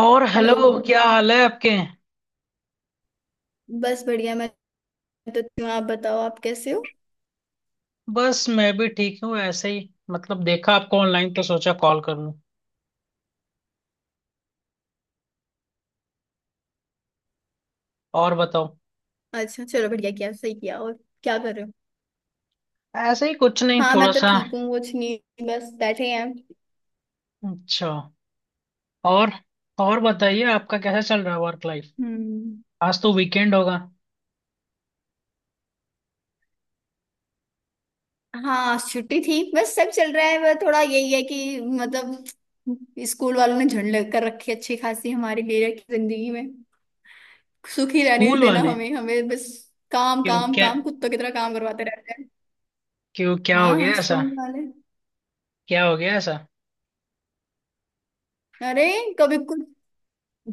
और hello. Hello. क्या हाल है आपके? बस बढ़िया, मैं तो ठीक हूँ। आप बताओ, आप कैसे हो? बस मैं भी ठीक हूँ, ऐसे ही मतलब देखा आपको ऑनलाइन तो सोचा कॉल कर लूँ। और बताओ। अच्छा चलो, बढ़िया किया, सही किया। और क्या कर रहे हो? ऐसे ही कुछ नहीं, हाँ, मैं थोड़ा तो सा। ठीक हूँ, कुछ नहीं, बस बैठे हैं। अच्छा। और और बताइए, आपका कैसा चल रहा है वर्क लाइफ? हम्म। आज तो वीकेंड होगा। हाँ, छुट्टी थी, बस सब चल रहा है। वह थोड़ा यही है कि मतलब स्कूल वालों ने झंड लग कर रखी है अच्छी खासी हमारे लिए, कि जिंदगी में सुखी रहने नहीं स्कूल देना। वाले? हमें हमें बस काम क्यों काम क्या? काम, कुत्तों की तरह काम करवाते रहते हैं। क्यों क्या हो हाँ, गया ऐसा? स्कूल वाले। क्या हो गया ऐसा? अरे, कभी कुछ,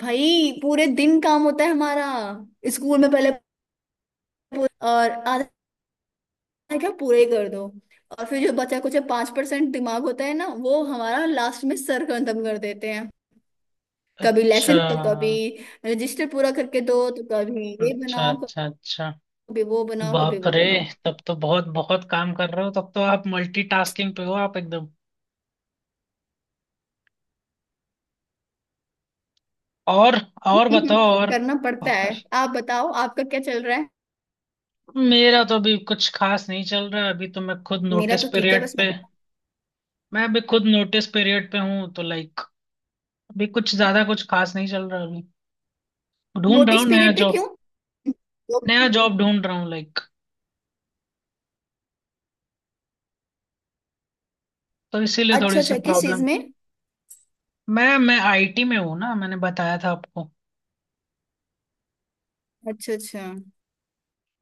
भाई पूरे दिन काम होता है हमारा। स्कूल में पहले और आधा, क्या, पूरे ही कर दो। और फिर जो बचा कुछ 5% दिमाग होता है ना, वो हमारा लास्ट में सर खत्म कर देते हैं। कभी अच्छा, लेसन, तो कभी रजिस्टर पूरा करके दो, तो कभी ये अच्छा, बनाओ, अच्छा। अच्छा। कभी वो बनाओ, कभी बाप वो रे! बनाओ। तब तो बहुत बहुत काम कर रहे हो। तब तो आप मल्टीटास्किंग पे हो आप, एकदम। और और बताओ और। करना पड़ता और है। आप बताओ, आपका क्या चल रहा है? मेरा तो अभी कुछ खास नहीं चल रहा है, अभी तो मैं खुद मेरा नोटिस तो ठीक है, पीरियड बस मैं। पे। मैं अभी खुद नोटिस पीरियड पे हूँ तो लाइक अभी कुछ ज्यादा कुछ खास नहीं चल रहा अभी। ढूंढ रहा नोटिस हूँ नया पीरियड पे जॉब। क्यों? नया तो- जॉब ढूंढ रहा हूँ लाइक, तो इसीलिए अच्छा थोड़ी सी अच्छा, किस चीज प्रॉब्लम। में? मैं आईटी में हूँ ना, मैंने बताया था आपको। अच्छा अच्छा।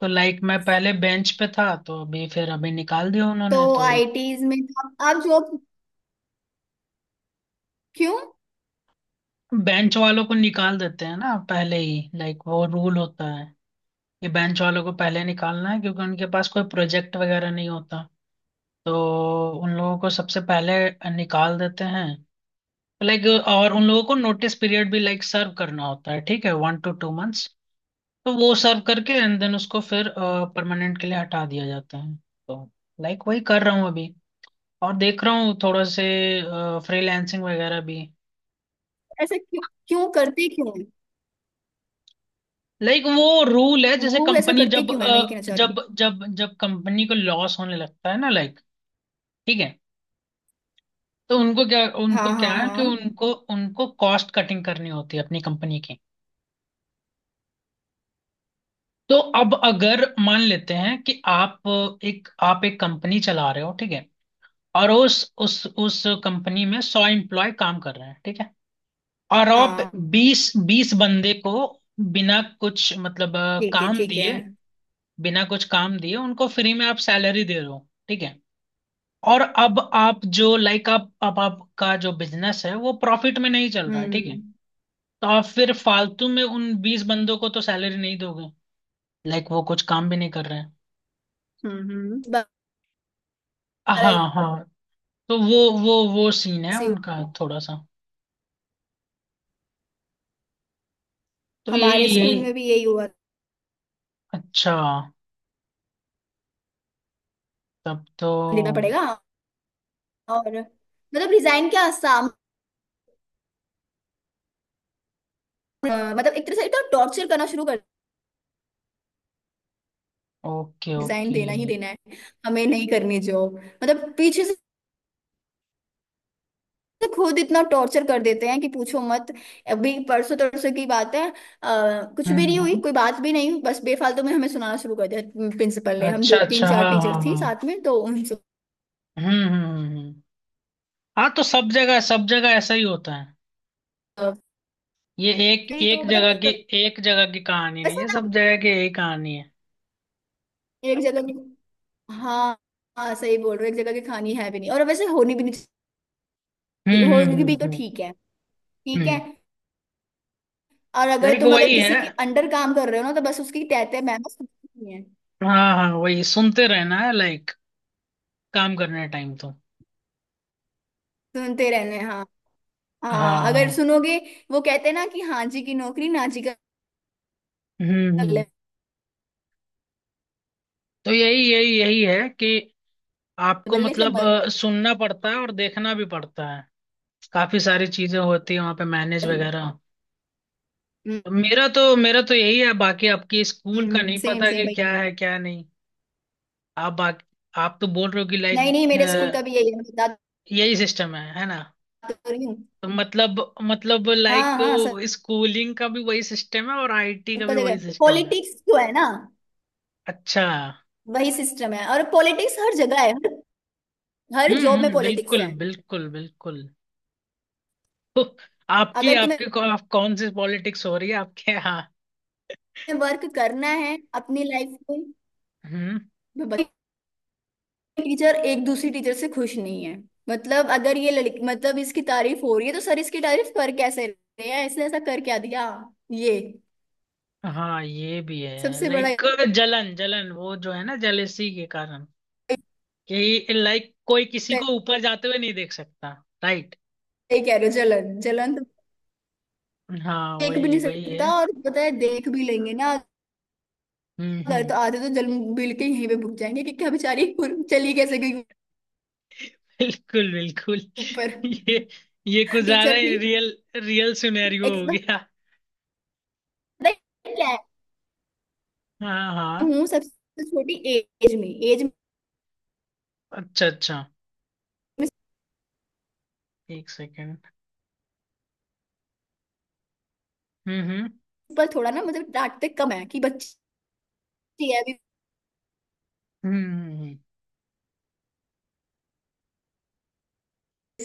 तो लाइक मैं पहले बेंच पे था तो अभी फिर अभी निकाल दिया तो उन्होंने। तो आईटीज में तो आप जॉब क्यों? बेंच वालों को निकाल देते हैं ना पहले ही, लाइक वो रूल होता है कि बेंच वालों को पहले निकालना है, क्योंकि उनके पास कोई प्रोजेक्ट वगैरह नहीं होता। तो उन लोगों को सबसे पहले निकाल देते हैं, लाइक। और उन लोगों को नोटिस पीरियड भी लाइक सर्व करना होता है, ठीक है, वन टू टू मंथ्स। तो वो सर्व करके एंड देन उसको फिर परमानेंट के लिए हटा दिया जाता है। तो लाइक वही कर रहा हूँ अभी। और देख रहा हूँ थोड़ा से फ्रीलैंसिंग वगैरह भी। ऐसा क्यों क्यों करते क्यों हैं? लाइक वो रूल है, जैसे वो ऐसा कंपनी करते क्यों है, मैं ये कहना चाह रही जब जब जब कंपनी को लॉस होने लगता है ना, लाइक। ठीक है। तो उनको क्या हूँ। उनको हाँ क्या हाँ है कि हाँ। उनको उनको कॉस्ट कटिंग करनी होती है अपनी कंपनी की। तो अब अगर मान लेते हैं कि आप एक कंपनी चला रहे हो, ठीक है। और उस कंपनी में सौ एम्प्लॉय काम कर रहे हैं, ठीक है। और आप हाँ, बीस बीस बंदे को बिना कुछ मतलब ठीक है, काम ठीक है। दिए, बिना कुछ काम दिए उनको फ्री में आप सैलरी दे रहे हो, ठीक है। और अब आप जो लाइक आप अब आपका जो बिजनेस है वो प्रॉफिट में नहीं चल रहा है, ठीक है। हम्म तो आप फिर फालतू में उन बीस बंदों को तो सैलरी नहीं दोगे, लाइक वो कुछ काम भी नहीं कर रहे हैं। बार हाँ, हाँ। तो वो सीन है ऐसे ही हुआ। उनका, थोड़ा सा। तो यही हमारे स्कूल यही में भी यही हुआ, अच्छा। तब तो देना पड़ेगा। और मतलब रिजाइन क्या आसाम, मतलब एक तरह से तो टॉर्चर करना शुरू कर, ओके, रिजाइन ओके। देना ही देना है, हमें नहीं करनी जॉब मतलब, पीछे से तो खुद इतना टॉर्चर कर देते हैं कि पूछो मत। अभी परसों तरसों की बात है, कुछ भी हम्म, नहीं हुई, कोई बात भी नहीं हुई, बस बेफालतू में हमें सुनाना शुरू कर दिया प्रिंसिपल ने। हम अच्छा, दो तीन अच्छा, चार हाँ, टीचर हाँ, थी हाँ। साथ में, तो उनसे हम्म, हम्म, हाँ तो सब जगह ऐसा ही होता है। अ, ये एक भी तो एक जगह की, मतलब, एक जगह की कहानी नहीं वैसे है, ना, सब जगह की यही कहानी है। एक जगह, हाँ। हाँ, सही बोल रहे हो, एक जगह की खानी है भी नहीं, और वैसे होनी भी नहीं चाहिए, हम्म, होगी हम्म, भी तो हम्म, ठीक है, ठीक है। हम्म। और अगर लाइक तुम अगर वही किसी है। के अंडर काम कर रहे हो ना, तो बस उसकी तहते मैम सुनती है, हाँ, हाँ, वही सुनते रहना है लाइक काम करने टाइम तो। सुनते रहने, हाँ। हाँ, हाँ, अगर हाँ। सुनोगे। वो कहते हैं ना कि हाँ जी की नौकरी, ना जी का हम्म, हम्म। बल्ले, तो यही यही यही है कि आपको बल्ले से मतलब मत। सुनना पड़ता है और देखना भी पड़ता है। काफी सारी चीजें होती है वहाँ पे, मैनेज वगैरह। मेरा तो यही है, बाकी आपकी स्कूल का नहीं सेम पता सेम, कि भाई। क्या है क्या नहीं। आप बाकी आप तो बोल रहे हो कि नहीं लाइक नहीं, मेरे स्कूल का भी यही है, मैं बता यही सिस्टम है ना। तो रही हूँ। तो मतलब हाँ लाइक हाँ, स्कूलिंग का भी वही सिस्टम है और आईटी का सबका भी जगह वही सिस्टम है। पॉलिटिक्स जो है ना, अच्छा। वही सिस्टम है, और पॉलिटिक्स हर जगह है, हर हर हम्म, जॉब में पॉलिटिक्स बिल्कुल, है। बिल्कुल, बिल्कुल। तो अगर तुम्हें आप कौन सी पॉलिटिक्स हो रही है आपके यहाँ? वर्क करना है अपनी लाइफ में, हम्म। तो टीचर एक दूसरी टीचर से खुश नहीं है। मतलब अगर ये लड़की, मतलब इसकी तारीफ हो रही है, तो सर इसकी तारीफ कर कैसे रहे हैं, इसने ऐसा कर क्या दिया, ये हाँ ये भी है सबसे बड़ा। लाइक। जलन, जलन वो जो है ना, जेलेसी के कारण कि लाइक कोई किसी को ऊपर जाते हुए नहीं देख सकता। राइट। ये कह रहे हो, जलन जलन, तो हाँ देख भी वही नहीं वही सकता, है। और पता है, देख भी लेंगे ना। हम्म, अगर हम्म, तो आधे तो जल मिल के यहीं पे भुग जाएंगे कि क्या बेचारी, और चली कैसे गई बिल्कुल, बिल्कुल। ऊपर। ये ये कुछ ज्यादा टीचर ही थी रियल, रियल सिनेरियो एक, हो पता गया। है क्या है, हाँ, हाँ। हूँ सबसे छोटी एज में, एज में। अच्छा, अच्छा। एक सेकेंड। हम्म, हम्म, पर थोड़ा ना मतलब डांटते कम है कि बच्ची है अभी, हम्म, हम्म, हम्म।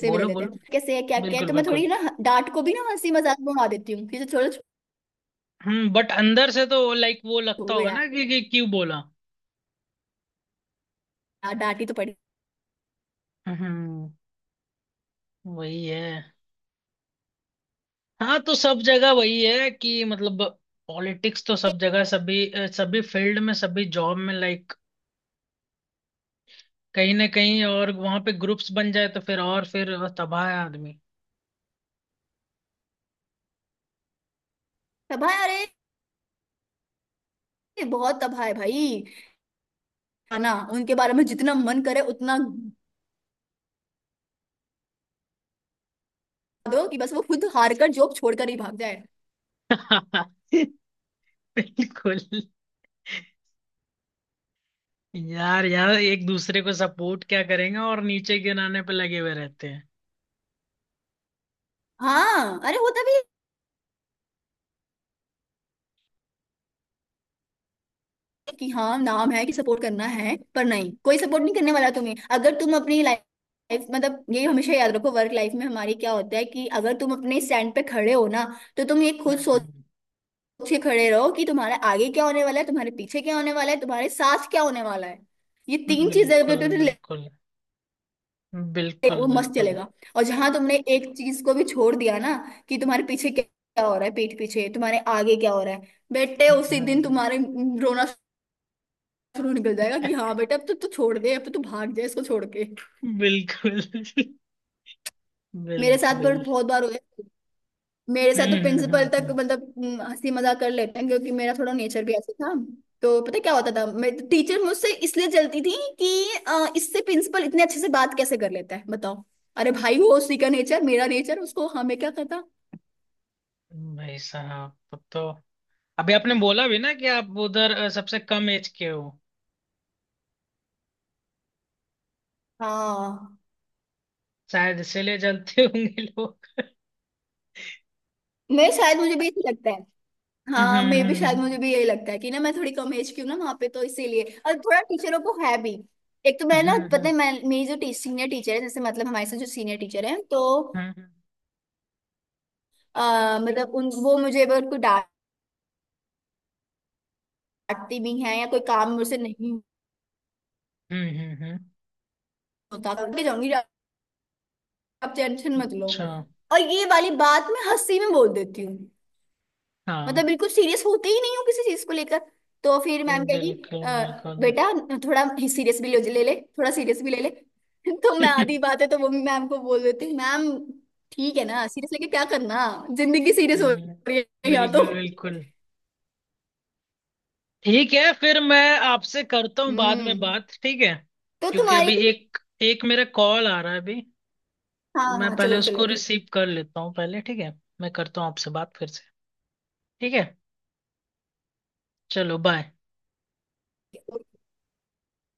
से भी ले बोलो, लेते हैं, बोलो। कैसे है क्या क्या है, बिल्कुल, तो मैं थोड़ी बिल्कुल। ना डांट को भी ना हंसी मजाक में उड़ा देती हूँ कि जो छोड़ो, बट अंदर से तो लाइक वो लगता छोड़ो होगा यार, ना कि क्यों बोला। डांटी तो पड़ी। हम्म। वही है। हाँ तो सब जगह वही है कि मतलब पॉलिटिक्स तो सब जगह, सभी फील्ड में सभी जॉब में लाइक कहीं ना कहीं। और वहां पे ग्रुप्स बन जाए तो फिर, और फिर तबाह है आदमी। तबाह, अरे बहुत तबाह है, भाई। है ना, उनके बारे में जितना मन करे उतना दो कि बस वो खुद हार कर जॉब छोड़कर ही भाग जाए। बिल्कुल। यार, यार एक दूसरे को सपोर्ट क्या करेंगे, और नीचे गिराने पे लगे हुए रहते हैं। हाँ, अरे होता भी है कि हाँ, नाम है कि सपोर्ट करना है, पर नहीं, कोई सपोर्ट नहीं करने वाला तुम्हें। अगर तुम अपनी लाइफ, मतलब ये हमेशा याद रखो, वर्क लाइफ में हमारी क्या होता है कि अगर तुम अपने स्टैंड पे खड़े हो ना, तो तुम ये खुद सोच हम्म, के खड़े रहो कि तुम्हारे आगे क्या होने वाला है, तुम्हारे पीछे क्या होने वाला है, तुम्हारे साथ क्या होने वाला है। ये तीन चीजें बिल्कुल, अगर तुम बिल्कुल, चलेगा, वो बिल्कुल, मस्त बिल्कुल। चलेगा। और जहां तुमने एक चीज को भी छोड़ दिया ना कि तुम्हारे पीछे क्या क्या हो रहा है पीठ पीछे, तुम्हारे आगे क्या हो रहा है, बेटे हम्म, उसी दिन हम्म, तुम्हारे रोना शुरू निकल जाएगा कि हाँ बेटा, अब तो तू छोड़ दे, अब तो तू भाग जाए इसको छोड़ के। बिल्कुल। मेरे साथ पर बिल्कुल। बहुत बार हुआ है। मेरे साथ तो हम्म, हम्म, प्रिंसिपल तक हम्म, मतलब हंसी मजाक कर लेते हैं, क्योंकि मेरा थोड़ा नेचर भी ऐसा था। तो पता क्या होता था, मैं टीचर मुझसे इसलिए जलती थी कि इससे प्रिंसिपल इतने अच्छे से बात कैसे कर लेता है, बताओ। अरे भाई, वो उसी का नेचर, मेरा नेचर, उसको हमें क्या पता। भाई साहब! तब तो अभी आपने बोला भी ना कि आप उधर सबसे कम एज के हो, हाँ, शायद इसीलिए जलते होंगे लोग। मैं शायद, मुझे भी यही लगता है। हाँ, हम्म, मे भी शायद हम्म, मुझे भी यही लगता है कि ना मैं थोड़ी कम एज की हूँ ना वहाँ पे, तो इसीलिए, और थोड़ा टीचरों को है भी। एक तो मैं ना, हम्म, पता हम्म। है, मैं मेरी जो सीनियर टीचर है, जैसे मतलब हमारे साथ जो सीनियर टीचर है, तो हम्म, मतलब उन वो मुझे अगर कोई डांटती भी है या कोई काम मुझसे नहीं हम्म। होता, करके जाऊंगी, आप टेंशन मत लो। अच्छा। और ये वाली बात मैं हंसी में बोल देती हूँ, मतलब हाँ। बिल्कुल सीरियस होते ही नहीं हो किसी चीज को लेकर। तो फिर मैम कहेगी, बिल्कुल, "अ, बिल्कुल। बेटा, थोड़ा सीरियस भी ले ले ले, थोड़ा सीरियस भी ले ले।" तो मैं आधी बात है तो वो भी मैम को बोल देती हूँ, मैम ठीक है ना, सीरियस लेके क्या करना, जिंदगी सीरियस हो हम्म, रही है यहाँ तो। बिल्कुल, बिल्कुल। ठीक है, फिर मैं आपसे करता हूँ बाद हम्म। में बात, ठीक है। तो क्योंकि तुम्हारी, अभी एक एक मेरा कॉल आ रहा है अभी। तो हाँ मैं हाँ, पहले चलो चलो, उसको ठीक रिसीव कर लेता हूँ पहले, ठीक है। मैं करता हूँ आपसे बात फिर से। ठीक है। चलो बाय। है।